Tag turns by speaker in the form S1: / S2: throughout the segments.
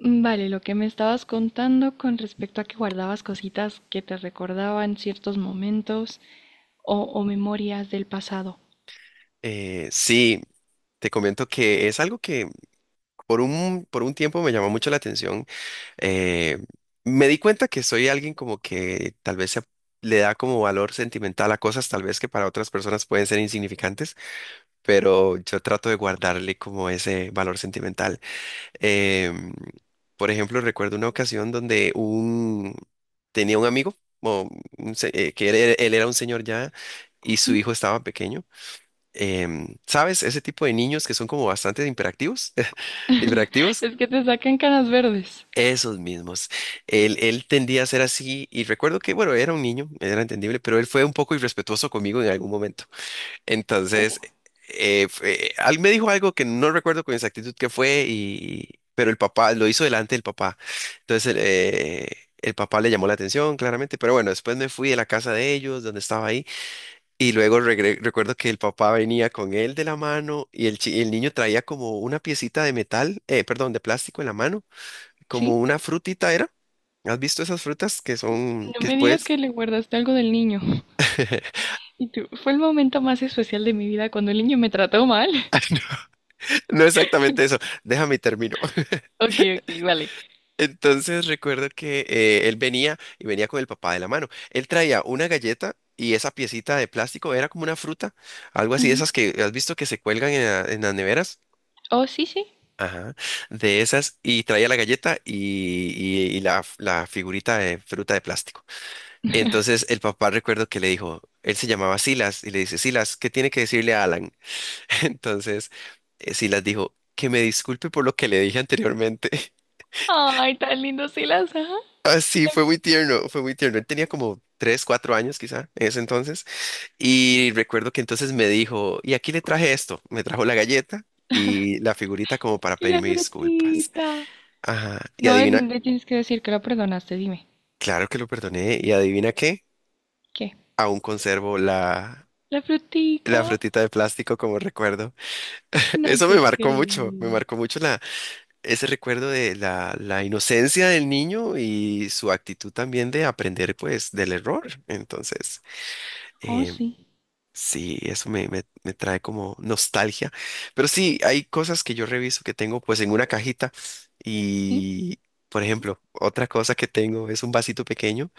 S1: Vale, lo que me estabas contando con respecto a que guardabas cositas que te recordaban ciertos momentos o memorias del pasado.
S2: Sí, te comento que es algo que por un tiempo me llamó mucho la atención. Eh, Me di cuenta que soy alguien como que tal vez le da como valor sentimental a cosas tal vez que para otras personas pueden ser insignificantes, pero yo trato de guardarle como ese valor sentimental. Em, por ejemplo, recuerdo una ocasión donde tenía un amigo, o un que él era un señor ya, y su
S1: ¿Sí?
S2: hijo estaba pequeño ¿sabes? Ese tipo de niños que son como bastante hiperactivos, hiperactivos,
S1: Es que te sacan canas verdes.
S2: esos mismos. Él tendía a ser así y recuerdo que, bueno, era un niño, era entendible, pero él fue un poco irrespetuoso conmigo en algún momento.
S1: Uh,
S2: Entonces, me dijo algo que no recuerdo con exactitud qué fue, y, pero el papá lo hizo delante del papá. Entonces, el papá le llamó la atención, claramente, pero bueno, después me fui de la casa de ellos, donde estaba ahí. Y luego recuerdo que el papá venía con él de la mano y el niño traía como una piecita de metal, perdón, de plástico en la mano, como
S1: ¿Sí?
S2: una frutita era. ¿Has visto esas frutas que son,
S1: No
S2: que
S1: me digas
S2: pues,
S1: que le guardaste algo del niño. Y tú, fue el momento más especial de mi vida cuando el niño me trató mal.
S2: no exactamente eso, déjame y termino.
S1: Ok, ok, vale.
S2: Entonces recuerdo que él venía y venía con el papá de la mano. Él traía una galleta y esa piecita de plástico era como una fruta, algo así de
S1: Ujú.
S2: esas que has visto que se cuelgan en en las neveras.
S1: Oh, sí, sí.
S2: Ajá, de esas y traía la galleta y la figurita de fruta de plástico. Entonces el papá recuerdo que le dijo, él se llamaba Silas y le dice, Silas, ¿qué tiene que decirle a Alan? Entonces Silas dijo, que me disculpe por lo que le dije anteriormente.
S1: Ay, tan lindo, sí las, ajá.
S2: Ah,
S1: Y
S2: sí,
S1: la,
S2: fue muy tierno, fue muy tierno. Él tenía como tres, cuatro años quizá en ese entonces. Y recuerdo que entonces me dijo, y aquí le traje esto, me trajo la galleta y la figurita como para
S1: y la
S2: pedirme disculpas.
S1: frutita.
S2: Ajá, y
S1: No,
S2: adivina.
S1: me tienes que decir que lo perdonaste, dime.
S2: Claro que lo perdoné y adivina qué,
S1: ¿Qué?
S2: aún conservo
S1: La frutica.
S2: la frutita de plástico como recuerdo.
S1: No
S2: Eso
S1: te
S2: me
S1: creo.
S2: marcó mucho ese recuerdo de la inocencia del niño y su actitud también de aprender pues del error. Entonces,
S1: Oh,
S2: eh,
S1: sí,
S2: sí, eso me trae como nostalgia. Pero sí, hay cosas que yo reviso que tengo pues en una cajita
S1: sí.
S2: y, por ejemplo, otra cosa que tengo es un vasito pequeño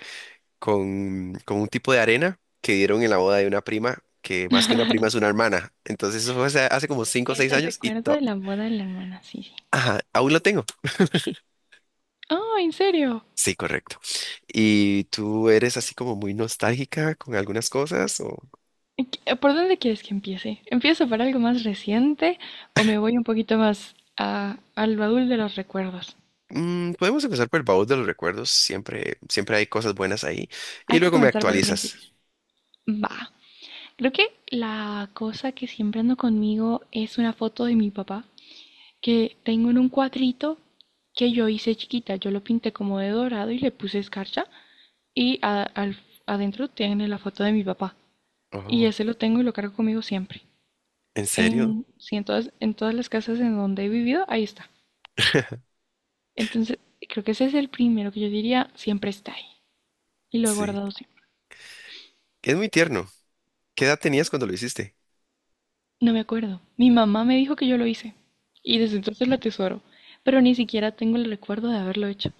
S2: con un tipo de arena que dieron en la boda de una prima, que más que una prima es una hermana. Entonces eso fue hace como 5 o
S1: Es
S2: seis
S1: el
S2: años y
S1: recuerdo de la boda de la hermana, sí, sí.
S2: ajá, aún lo tengo.
S1: Oh, ¿en serio?
S2: Sí, correcto. ¿Y tú eres así como muy nostálgica con algunas cosas? O...
S1: ¿Y qué- ¿Por dónde quieres que empiece? ¿Empiezo por algo más reciente o me voy un poquito más al baúl de los recuerdos?
S2: Mm, podemos empezar por el baúl de los recuerdos. Siempre, siempre hay cosas buenas ahí. Y
S1: Hay que
S2: luego me
S1: comenzar por el principio.
S2: actualizas.
S1: Va. Creo que la cosa que siempre ando conmigo es una foto de mi papá que tengo en un cuadrito que yo hice chiquita. Yo lo pinté como de dorado y le puse escarcha y adentro tiene la foto de mi papá. Y
S2: Oh,
S1: ese lo tengo y lo cargo conmigo siempre.
S2: ¿en serio?
S1: Sí, en todas las casas en donde he vivido, ahí está. Entonces, creo que ese es el primero que yo diría, siempre está ahí. Y lo he
S2: Sí.
S1: guardado siempre.
S2: Es muy tierno. ¿Qué edad tenías cuando lo hiciste?
S1: No me acuerdo. Mi mamá me dijo que yo lo hice. Y desde entonces lo atesoro. Pero ni siquiera tengo el recuerdo de haberlo hecho.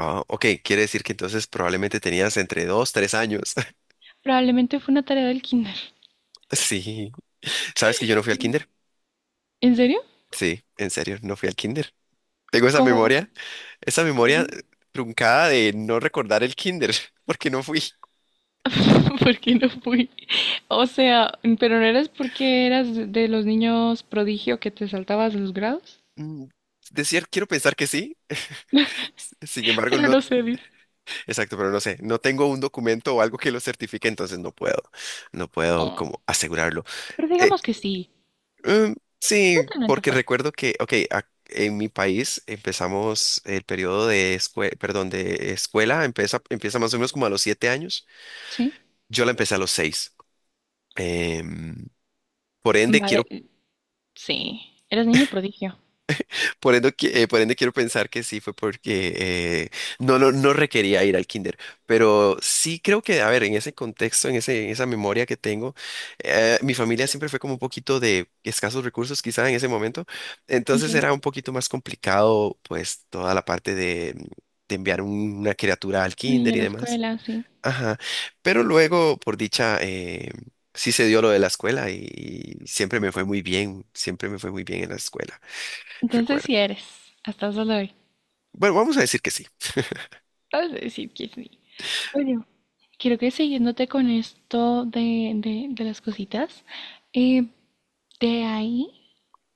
S2: Ah, ok, quiere decir que entonces probablemente tenías entre dos, tres años.
S1: Probablemente fue una tarea del kinder.
S2: Sí. ¿Sabes que yo no fui al kinder?
S1: ¿En serio?
S2: Sí, en serio, no fui al kinder. Tengo
S1: ¿Cómo?
S2: esa
S1: ¿Cómo es?
S2: memoria truncada de no recordar el kinder, porque no fui.
S1: Porque no fui. O sea, pero no eras porque eras de los niños prodigio que te saltabas los grados.
S2: Mm, decir, quiero pensar que sí, sin embargo,
S1: Pero
S2: no,
S1: no sé.
S2: exacto, pero no sé, no tengo un documento o algo que lo certifique, entonces no puedo, no puedo
S1: Oh,
S2: como asegurarlo.
S1: pero
S2: Eh,
S1: digamos que sí.
S2: mm, sí,
S1: Totalmente
S2: porque
S1: fue.
S2: recuerdo que, ok, en mi país empezamos el periodo de escuela, perdón, de escuela, empieza, empieza más o menos como a los siete años,
S1: ¿Sí?
S2: yo la empecé a los seis. Em, por ende, quiero,
S1: Vale, sí. Eras niño prodigio.
S2: por ende, por ende quiero pensar que sí fue porque no requería ir al kinder, pero sí creo que, a ver, en ese contexto, en ese, en esa memoria que tengo, mi familia siempre fue como un poquito de escasos recursos quizá en ese momento, entonces
S1: ¿Entiendo?
S2: era un poquito más complicado pues toda la parte de enviar una criatura al
S1: Un niño
S2: kinder
S1: de
S2: y
S1: la
S2: demás.
S1: escuela, sí.
S2: Ajá, pero luego, por dicha, sí se dio lo de la escuela y siempre me fue muy bien, siempre me fue muy bien en la escuela,
S1: Entonces
S2: recuerdo.
S1: sí eres. Hasta el sol de hoy.
S2: Bueno, vamos a decir que sí.
S1: Vas a decir que sí. Bueno, quiero que siguiéndote con esto de las cositas. eh, de ahí.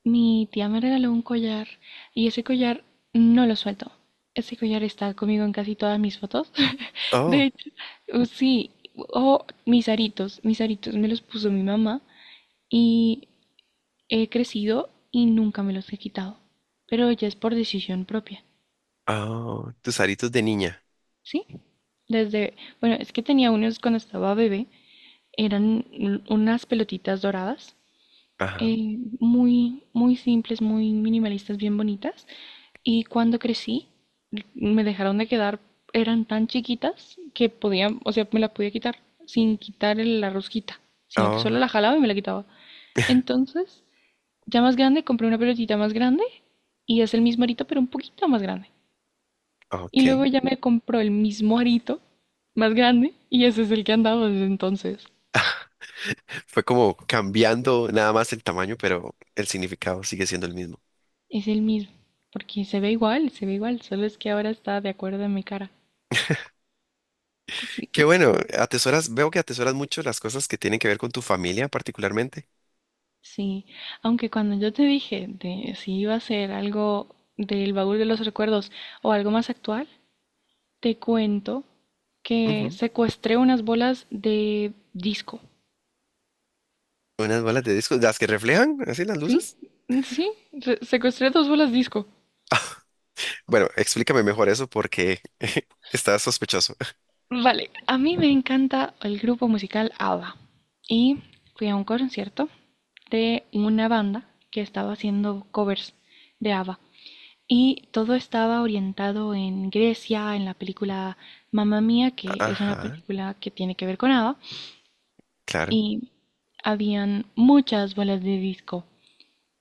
S1: Mi tía me regaló un collar y ese collar no lo suelto. Ese collar está conmigo en casi todas mis fotos. De
S2: Oh,
S1: hecho, sí, o mis aritos me los puso mi mamá y he crecido y nunca me los he quitado. Pero ya es por decisión propia,
S2: oh, tus aritos de niña.
S1: ¿sí? Desde, bueno, es que tenía unos cuando estaba bebé, eran unas pelotitas doradas,
S2: Ajá,
S1: muy, muy simples, muy minimalistas, bien bonitas. Y cuando crecí, me dejaron de quedar, eran tan chiquitas que podía, o sea, me la podía quitar sin quitar la rosquita, sino que solo
S2: oh,
S1: la jalaba y me la quitaba. Entonces, ya más grande, compré una pelotita más grande y es el mismo arito, pero un poquito más grande.
S2: ok.
S1: Y luego ya me compró el mismo arito más grande y ese es el que han dado desde entonces.
S2: Fue como cambiando nada más el tamaño, pero el significado sigue siendo el mismo.
S1: Es el mismo, porque se ve igual, solo es que ahora está de acuerdo a mi cara. Sí,
S2: Qué bueno, atesoras, veo que atesoras mucho las cosas que tienen que ver con tu familia particularmente.
S1: sí. Aunque cuando yo te dije de si iba a ser algo del baúl de los recuerdos o algo más actual, te cuento que
S2: Ujú.
S1: secuestré unas bolas de disco.
S2: Unas bolas de disco, las que reflejan, así las
S1: ¿Sí?
S2: luces.
S1: Sí, secuestré dos bolas disco.
S2: Bueno, explícame mejor eso porque está sospechoso.
S1: Vale, a mí me encanta el grupo musical ABBA y fui a un concierto de una banda que estaba haciendo covers de ABBA. Y todo estaba orientado en Grecia, en la película Mamma Mía, que es una
S2: Ajá,
S1: película que tiene que ver con ABBA,
S2: claro.
S1: y habían muchas bolas de disco.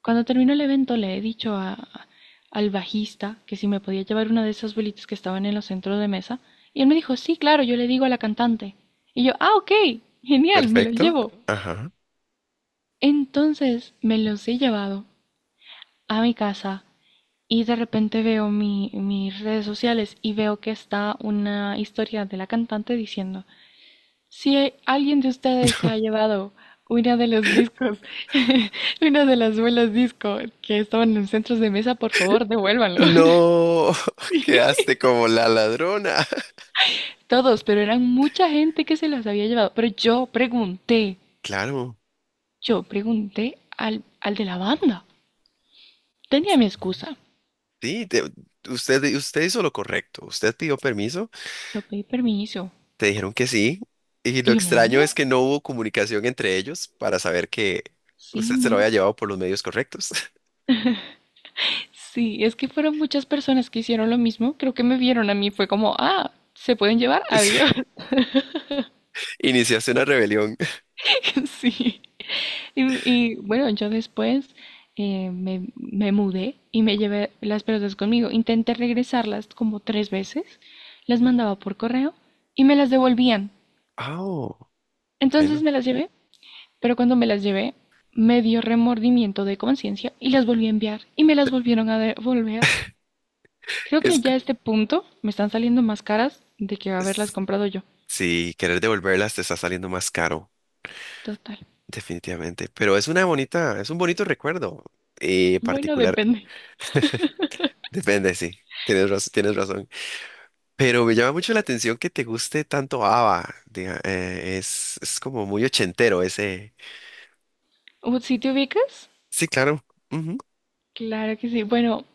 S1: Cuando terminó el evento le he dicho al bajista que si me podía llevar una de esas bolitas que estaban en los centros de mesa, y él me dijo, sí, claro, yo le digo a la cantante. Y yo, ah, ok, genial, me lo
S2: Perfecto.
S1: llevo.
S2: Ajá.
S1: Entonces me los he llevado a mi casa. Y de repente veo mis redes sociales y veo que está una historia de la cantante diciendo, si alguien de ustedes se ha llevado una de los discos, una de las bolas disco que estaban en centros de mesa, por favor, devuélvanlo.
S2: No, quedaste como la ladrona.
S1: Todos, pero eran mucha gente que se las había llevado. Pero yo pregunté,
S2: Claro.
S1: yo pregunté al, al de la banda. Tenía mi
S2: Sí,
S1: excusa.
S2: sí, usted hizo lo correcto. Usted pidió permiso,
S1: Yo pedí permiso.
S2: te dijeron que sí. Y lo
S1: ¿Y yo me lo
S2: extraño es
S1: llevé?
S2: que no hubo comunicación entre ellos para saber que
S1: Sí,
S2: usted se lo había
S1: no.
S2: llevado por los medios correctos.
S1: Sí, es que fueron muchas personas que hicieron lo mismo. Creo que me vieron a mí, fue como, ah, se pueden llevar, adiós.
S2: Iniciaste una rebelión.
S1: Sí. Y, y, bueno, yo después, me mudé y me llevé las pelotas conmigo. Intenté regresarlas como tres veces, las mandaba por correo y me las devolvían.
S2: Ah,
S1: Entonces
S2: bueno.
S1: me las llevé, pero cuando me las llevé, me dio remordimiento de conciencia y las volví a enviar y me las volvieron a devolver. Creo que ya a este punto me están saliendo más caras de que haberlas
S2: Es,
S1: comprado yo.
S2: sí, querer devolverlas te está saliendo más caro,
S1: Total.
S2: definitivamente. Pero es una bonita, es un bonito recuerdo
S1: Bueno,
S2: particular.
S1: depende.
S2: Depende, sí. Tienes razón, tienes razón. Pero me llama mucho la atención que te guste tanto ABBA. Es como muy ochentero ese.
S1: ¿O ¿Sí te ubicas?
S2: Sí, claro. Ujú.
S1: Claro que sí. Bueno,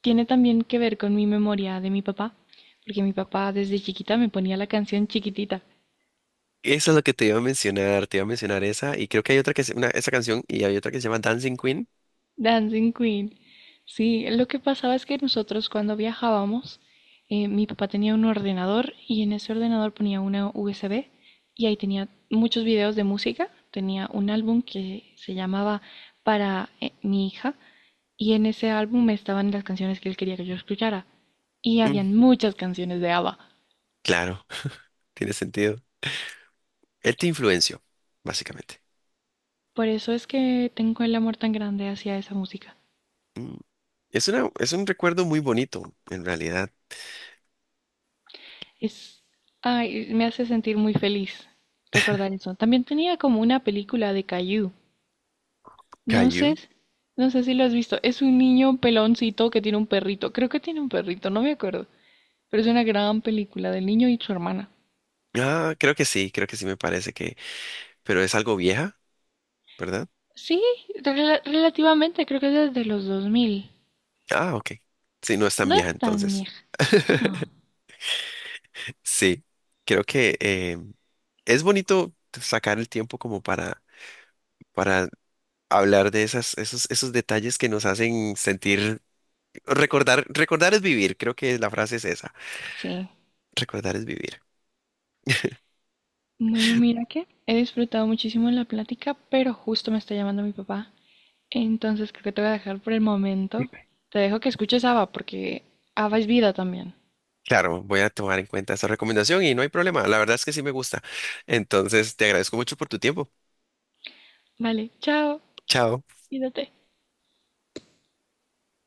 S1: tiene también que ver con mi memoria de mi papá, porque mi papá desde chiquita me ponía la canción chiquitita,
S2: Eso es lo que te iba a mencionar. Te iba a mencionar esa. Y creo que hay otra que es una, esa canción y hay otra que se llama Dancing Queen.
S1: Dancing Queen. Sí, lo que pasaba es que nosotros cuando viajábamos, mi papá tenía un ordenador y en ese ordenador ponía una USB y ahí tenía muchos videos de música. Tenía un álbum que se llamaba Para, mi hija. Y en ese álbum estaban las canciones que él quería que yo escuchara. Y
S2: Mm,
S1: habían muchas canciones de ABBA.
S2: claro, tiene sentido. Él te influenció, básicamente.
S1: Por eso es que tengo el amor tan grande hacia esa música.
S2: Mm, es una, es un recuerdo muy bonito, en realidad.
S1: Es, ay, me hace sentir muy feliz recordar eso. También tenía como una película de Caillou. No sé,
S2: ¿Caillou?
S1: no sé si lo has visto. Es un niño peloncito que tiene un perrito. Creo que tiene un perrito, no me acuerdo. Pero es una gran película del niño y su hermana.
S2: Ah, creo que sí me parece que... Pero es algo vieja, ¿verdad?
S1: Sí, relativamente, creo que es desde los 2000.
S2: Ah, ok. Sí, no es tan
S1: No
S2: vieja
S1: es tan
S2: entonces.
S1: vieja. No.
S2: Sí, creo que es bonito sacar el tiempo como para hablar de esas, esos, esos detalles que nos hacen sentir, recordar, recordar es vivir, creo que la frase es esa,
S1: Sí.
S2: recordar es vivir.
S1: Bueno, mira que he disfrutado muchísimo la plática, pero justo me está llamando mi papá. Entonces creo que te voy a dejar por el momento. Te dejo que escuches ABBA porque ABBA es vida también.
S2: Claro, voy a tomar en cuenta esa recomendación y no hay problema, la verdad es que sí me gusta. Entonces, te agradezco mucho por tu tiempo.
S1: Vale, chao.
S2: Chao.
S1: Cuídate.